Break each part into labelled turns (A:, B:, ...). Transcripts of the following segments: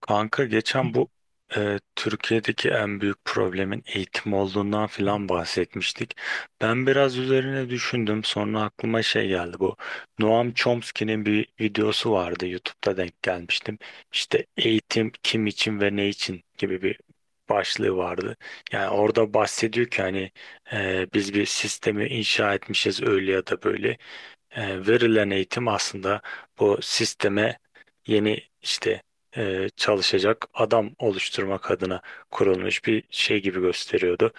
A: Kanka geçen bu Türkiye'deki en büyük problemin eğitim olduğundan filan bahsetmiştik. Ben biraz üzerine düşündüm. Sonra aklıma şey geldi bu. Noam Chomsky'nin bir videosu vardı. YouTube'da denk gelmiştim. İşte eğitim kim için ve ne için gibi bir başlığı vardı. Yani orada bahsediyor ki hani biz bir sistemi inşa etmişiz öyle ya da böyle. E, Verilen eğitim aslında bu sisteme yeni işte çalışacak adam oluşturmak adına kurulmuş bir şey gibi gösteriyordu.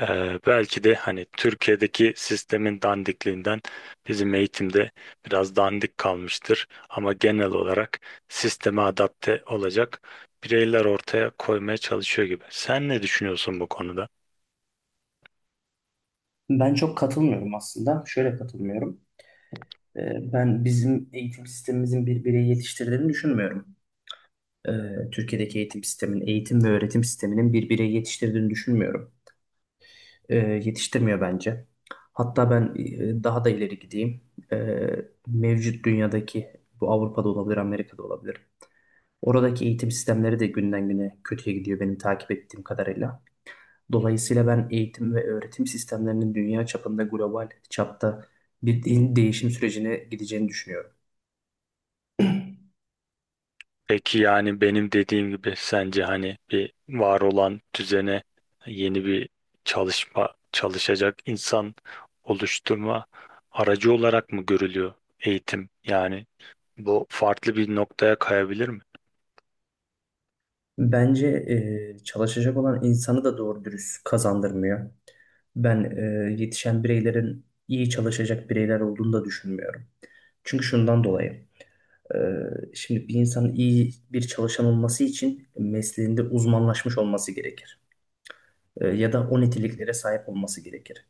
A: Belki de hani Türkiye'deki sistemin dandikliğinden bizim eğitimde biraz dandik kalmıştır. Ama genel olarak sisteme adapte olacak bireyler ortaya koymaya çalışıyor gibi. Sen ne düşünüyorsun bu konuda?
B: Ben çok katılmıyorum aslında. Şöyle katılmıyorum. Ben bizim eğitim sistemimizin bir bireyi yetiştirdiğini düşünmüyorum. Ee, Türkiye'deki eğitim sistemin, eğitim ve öğretim sisteminin bir bireyi yetiştirdiğini düşünmüyorum. Yetiştirmiyor bence. Hatta ben daha da ileri gideyim. Ee, Mevcut dünyadaki, bu Avrupa'da olabilir, Amerika'da olabilir. Oradaki eğitim sistemleri de günden güne kötüye gidiyor benim takip ettiğim kadarıyla. Dolayısıyla ben eğitim ve öğretim sistemlerinin dünya çapında global çapta bir değişim sürecine gideceğini düşünüyorum.
A: Peki yani benim dediğim gibi sence hani bir var olan düzene yeni bir çalışacak insan oluşturma aracı olarak mı görülüyor eğitim? Yani bu farklı bir noktaya kayabilir mi?
B: Bence çalışacak olan insanı da doğru dürüst kazandırmıyor. Ben yetişen bireylerin iyi çalışacak bireyler olduğunu da düşünmüyorum. Çünkü şundan dolayı. e, Şimdi bir insanın iyi bir çalışan olması için mesleğinde uzmanlaşmış olması gerekir. Ya da o niteliklere sahip olması gerekir.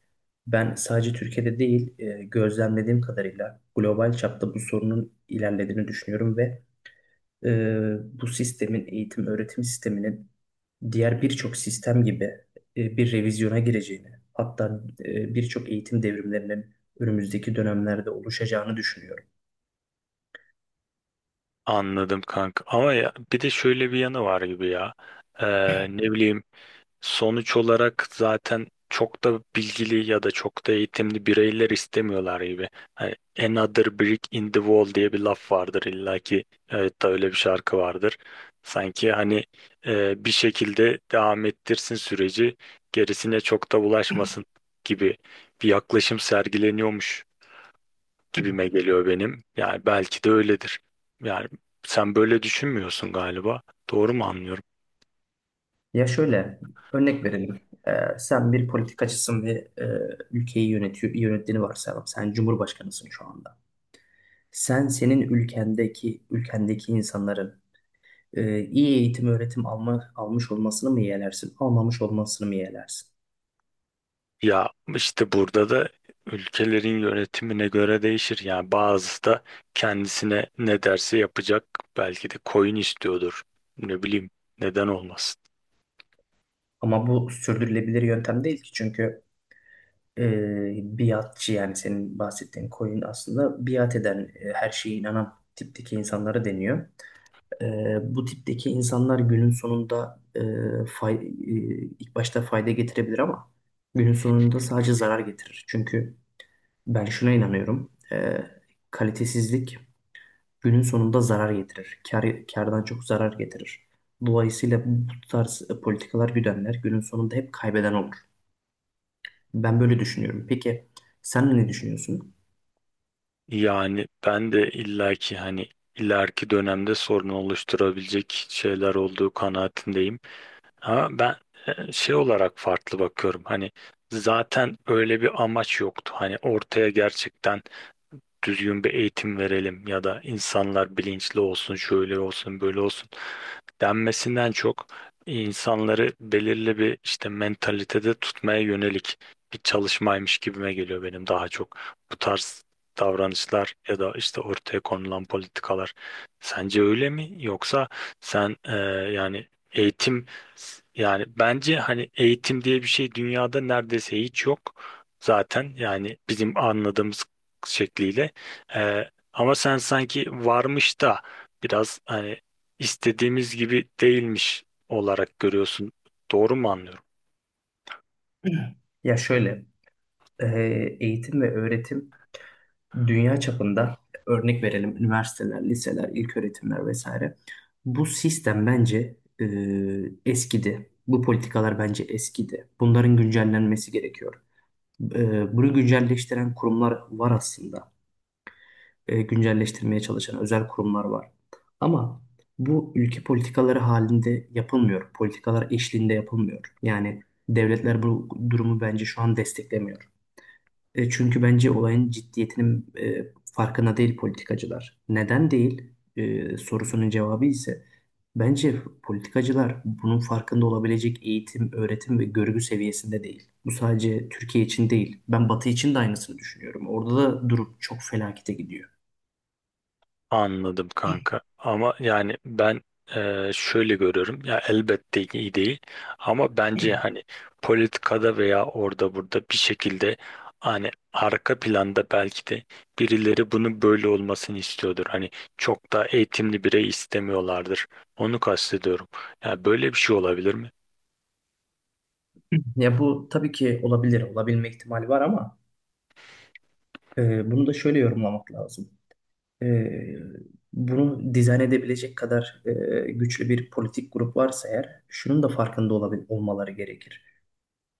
B: Ben sadece Türkiye'de değil, gözlemlediğim kadarıyla global çapta bu sorunun ilerlediğini düşünüyorum ve e, bu sistemin, eğitim öğretim sisteminin diğer birçok sistem gibi bir revizyona gireceğini, hatta birçok eğitim devrimlerinin önümüzdeki dönemlerde oluşacağını düşünüyorum.
A: Anladım kanka. Ama ya, bir de şöyle bir yanı var gibi ya. Ne bileyim, sonuç olarak zaten çok da bilgili ya da çok da eğitimli bireyler istemiyorlar gibi. Hani "Another brick in the wall" diye bir laf vardır illaki. Evet, da öyle bir şarkı vardır. Sanki hani bir şekilde devam ettirsin süreci, gerisine çok da bulaşmasın gibi bir yaklaşım sergileniyormuş gibime geliyor benim. Yani belki de öyledir. Yani sen böyle düşünmüyorsun galiba. Doğru mu anlıyorum?
B: Ya şöyle, örnek verelim. E, Sen bir politikacısın ve e, ülkeyi yönetiyor, yönettiğini varsayalım. Sen cumhurbaşkanısın şu anda. Sen senin ülkendeki insanların iyi eğitim öğretim alma, almış olmasını mı yeğlersin, almamış olmasını mı yeğlersin?
A: Ya işte burada da ülkelerin yönetimine göre değişir. Yani bazısı da kendisine ne derse yapacak. Belki de koyun istiyordur. Ne bileyim, neden olmasın.
B: Ama bu sürdürülebilir yöntem değil ki çünkü e, biatçı yani senin bahsettiğin koyun aslında biat eden, her şeye inanan tipteki insanlara deniyor. E, Bu tipteki insanlar günün sonunda fay, e, ilk başta fayda getirebilir ama günün sonunda sadece zarar getirir. Çünkü ben şuna inanıyorum. Kalitesizlik günün sonunda zarar getirir. Kardan çok zarar getirir. Dolayısıyla bu tarz politikalar güdenler günün sonunda hep kaybeden olur. Ben böyle düşünüyorum. Peki sen ne düşünüyorsun?
A: Yani ben de illaki hani ileriki dönemde sorun oluşturabilecek şeyler olduğu kanaatindeyim. Ama ben şey olarak farklı bakıyorum. Hani zaten öyle bir amaç yoktu. Hani ortaya gerçekten düzgün bir eğitim verelim ya da insanlar bilinçli olsun, şöyle olsun, böyle olsun denmesinden çok insanları belirli bir işte mentalitede tutmaya yönelik bir çalışmaymış gibime geliyor benim daha çok. Bu tarz davranışlar ya da işte ortaya konulan politikalar sence öyle mi? Yoksa sen yani eğitim, yani bence hani eğitim diye bir şey dünyada neredeyse hiç yok zaten, yani bizim anladığımız şekliyle. Ama sen sanki varmış da biraz hani istediğimiz gibi değilmiş olarak görüyorsun. Doğru mu anlıyorum?
B: Ya şöyle, e, eğitim ve öğretim dünya çapında örnek verelim üniversiteler, liseler, ilköğretimler vesaire. Bu sistem bence e, eskidi. Bu politikalar bence eskidi. Bunların güncellenmesi gerekiyor. Bunu güncelleştiren kurumlar var aslında. Güncelleştirmeye çalışan özel kurumlar var. Ama bu ülke politikaları halinde yapılmıyor. Politikalar eşliğinde yapılmıyor. Yani devletler bu durumu bence şu an desteklemiyor. Çünkü bence olayın ciddiyetinin farkına değil politikacılar. Neden değil sorusunun cevabı ise bence politikacılar bunun farkında olabilecek eğitim, öğretim ve görgü seviyesinde değil. Bu sadece Türkiye için değil. Ben Batı için de aynısını düşünüyorum. Orada da durum çok felakete gidiyor.
A: Anladım kanka. Ama yani ben şöyle görüyorum. Ya elbette iyi değil. Ama bence hani politikada veya orada burada bir şekilde hani arka planda belki de birileri bunu böyle olmasını istiyordur. Hani çok da eğitimli birey istemiyorlardır. Onu kastediyorum. Yani böyle bir şey olabilir mi?
B: Ya bu tabii ki olabilir, olabilme ihtimali var ama bunu da şöyle yorumlamak lazım. E, Bunu dizayn edebilecek kadar güçlü bir politik grup varsa eğer, şunun da farkında olmaları gerekir.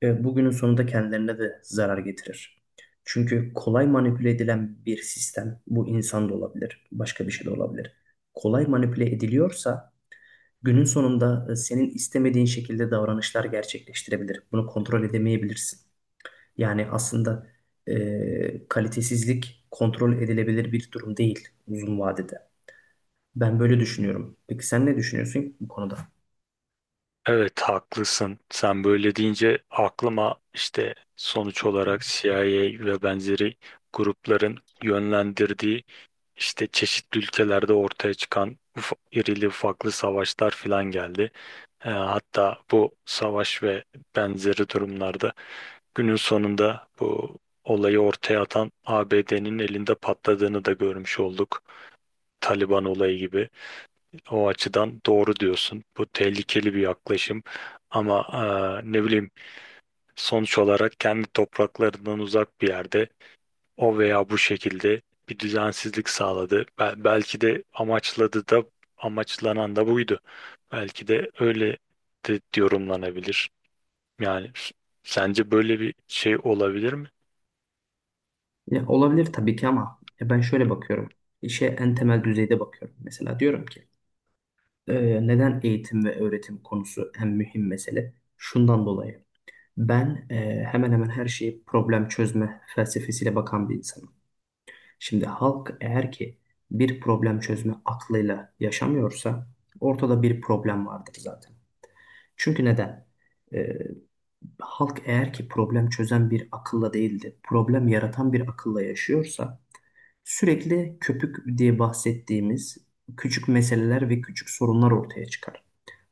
B: Bugünün sonunda kendilerine de zarar getirir. Çünkü kolay manipüle edilen bir sistem, bu insan da olabilir, başka bir şey de olabilir. Kolay manipüle ediliyorsa, günün sonunda senin istemediğin şekilde davranışlar gerçekleştirebilir. Bunu kontrol edemeyebilirsin. Yani aslında kalitesizlik kontrol edilebilir bir durum değil uzun vadede. Ben böyle düşünüyorum. Peki sen ne düşünüyorsun bu konuda?
A: Evet, haklısın. Sen böyle deyince aklıma işte sonuç olarak CIA ve benzeri grupların yönlendirdiği işte çeşitli ülkelerde ortaya çıkan irili ufaklı savaşlar filan geldi. Hatta bu savaş ve benzeri durumlarda günün sonunda bu olayı ortaya atan ABD'nin elinde patladığını da görmüş olduk. Taliban olayı gibi. O açıdan doğru diyorsun. Bu tehlikeli bir yaklaşım. Ama ne bileyim, sonuç olarak kendi topraklarından uzak bir yerde o veya bu şekilde bir düzensizlik sağladı. Belki de amaçladı da, amaçlanan da buydu. Belki de öyle de yorumlanabilir. Yani sence böyle bir şey olabilir mi?
B: Ya, olabilir tabii ki ama ya ben şöyle bakıyorum. İşe en temel düzeyde bakıyorum. Mesela diyorum ki neden eğitim ve öğretim konusu en mühim mesele? Şundan dolayı. Ben hemen hemen her şeyi problem çözme felsefesiyle bakan bir insanım. Şimdi halk eğer ki bir problem çözme aklıyla yaşamıyorsa ortada bir problem vardır zaten. Çünkü neden? Ee, Halk eğer ki problem çözen bir akılla değil de problem yaratan bir akılla yaşıyorsa sürekli köpük diye bahsettiğimiz küçük meseleler ve küçük sorunlar ortaya çıkar.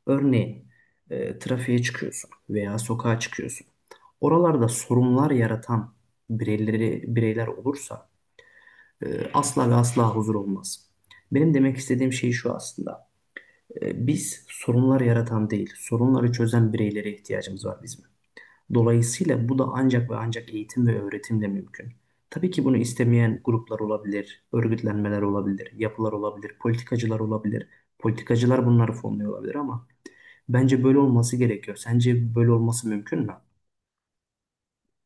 B: Örneğin trafiğe çıkıyorsun veya sokağa çıkıyorsun. Oralarda sorunlar yaratan bireyler olursa asla ve asla huzur olmaz. Benim demek istediğim şey şu aslında. Biz sorunlar yaratan değil, sorunları çözen bireylere ihtiyacımız var bizim. Dolayısıyla bu da ancak ve ancak eğitim ve öğretimle mümkün. Tabii ki bunu istemeyen gruplar olabilir, örgütlenmeler olabilir, yapılar olabilir, politikacılar olabilir. Politikacılar bunları fonluyor olabilir ama bence böyle olması gerekiyor. Sence böyle olması mümkün mü?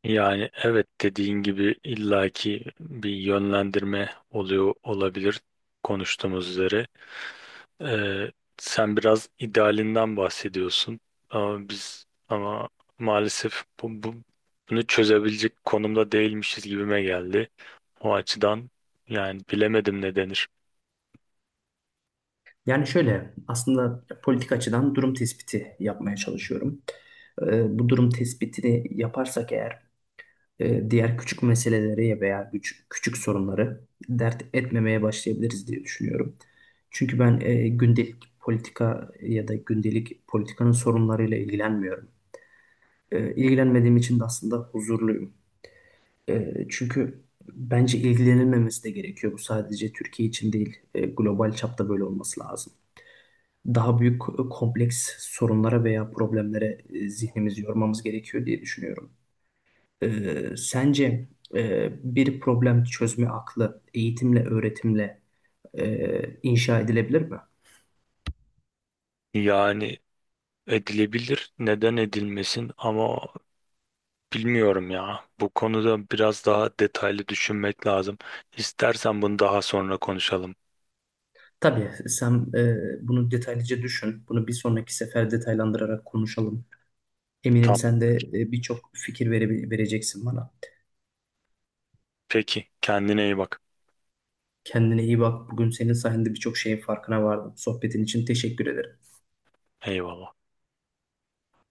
A: Yani evet, dediğin gibi illaki bir yönlendirme oluyor olabilir konuştuğumuz üzere. Ee, sen biraz idealinden bahsediyorsun ama biz ama maalesef bunu çözebilecek konumda değilmişiz gibime geldi. O açıdan yani bilemedim ne denir.
B: Yani şöyle aslında politik açıdan durum tespiti yapmaya çalışıyorum. Bu durum tespitini yaparsak eğer diğer küçük meseleleri veya küçük sorunları dert etmemeye başlayabiliriz diye düşünüyorum. Çünkü ben gündelik politika ya da gündelik politikanın sorunlarıyla ilgilenmiyorum. İlgilenmediğim için de aslında huzurluyum. Çünkü bence ilgilenilmemesi de gerekiyor. Bu sadece Türkiye için değil, global çapta böyle olması lazım daha büyük kompleks sorunlara veya problemlere zihnimizi yormamız gerekiyor diye düşünüyorum. Sence bir problem çözme aklı eğitimle, öğretimle inşa edilebilir mi?
A: Yani edilebilir, neden edilmesin, ama bilmiyorum ya. Bu konuda biraz daha detaylı düşünmek lazım. İstersen bunu daha sonra konuşalım.
B: Tabii sen bunu detaylıca düşün. Bunu bir sonraki sefer detaylandırarak konuşalım. Eminim
A: Tamam.
B: sen de birçok fikir vereceksin bana.
A: Peki, kendine iyi bak.
B: Kendine iyi bak. Bugün senin sayende birçok şeyin farkına vardım. Sohbetin için teşekkür ederim.
A: Eyvallah.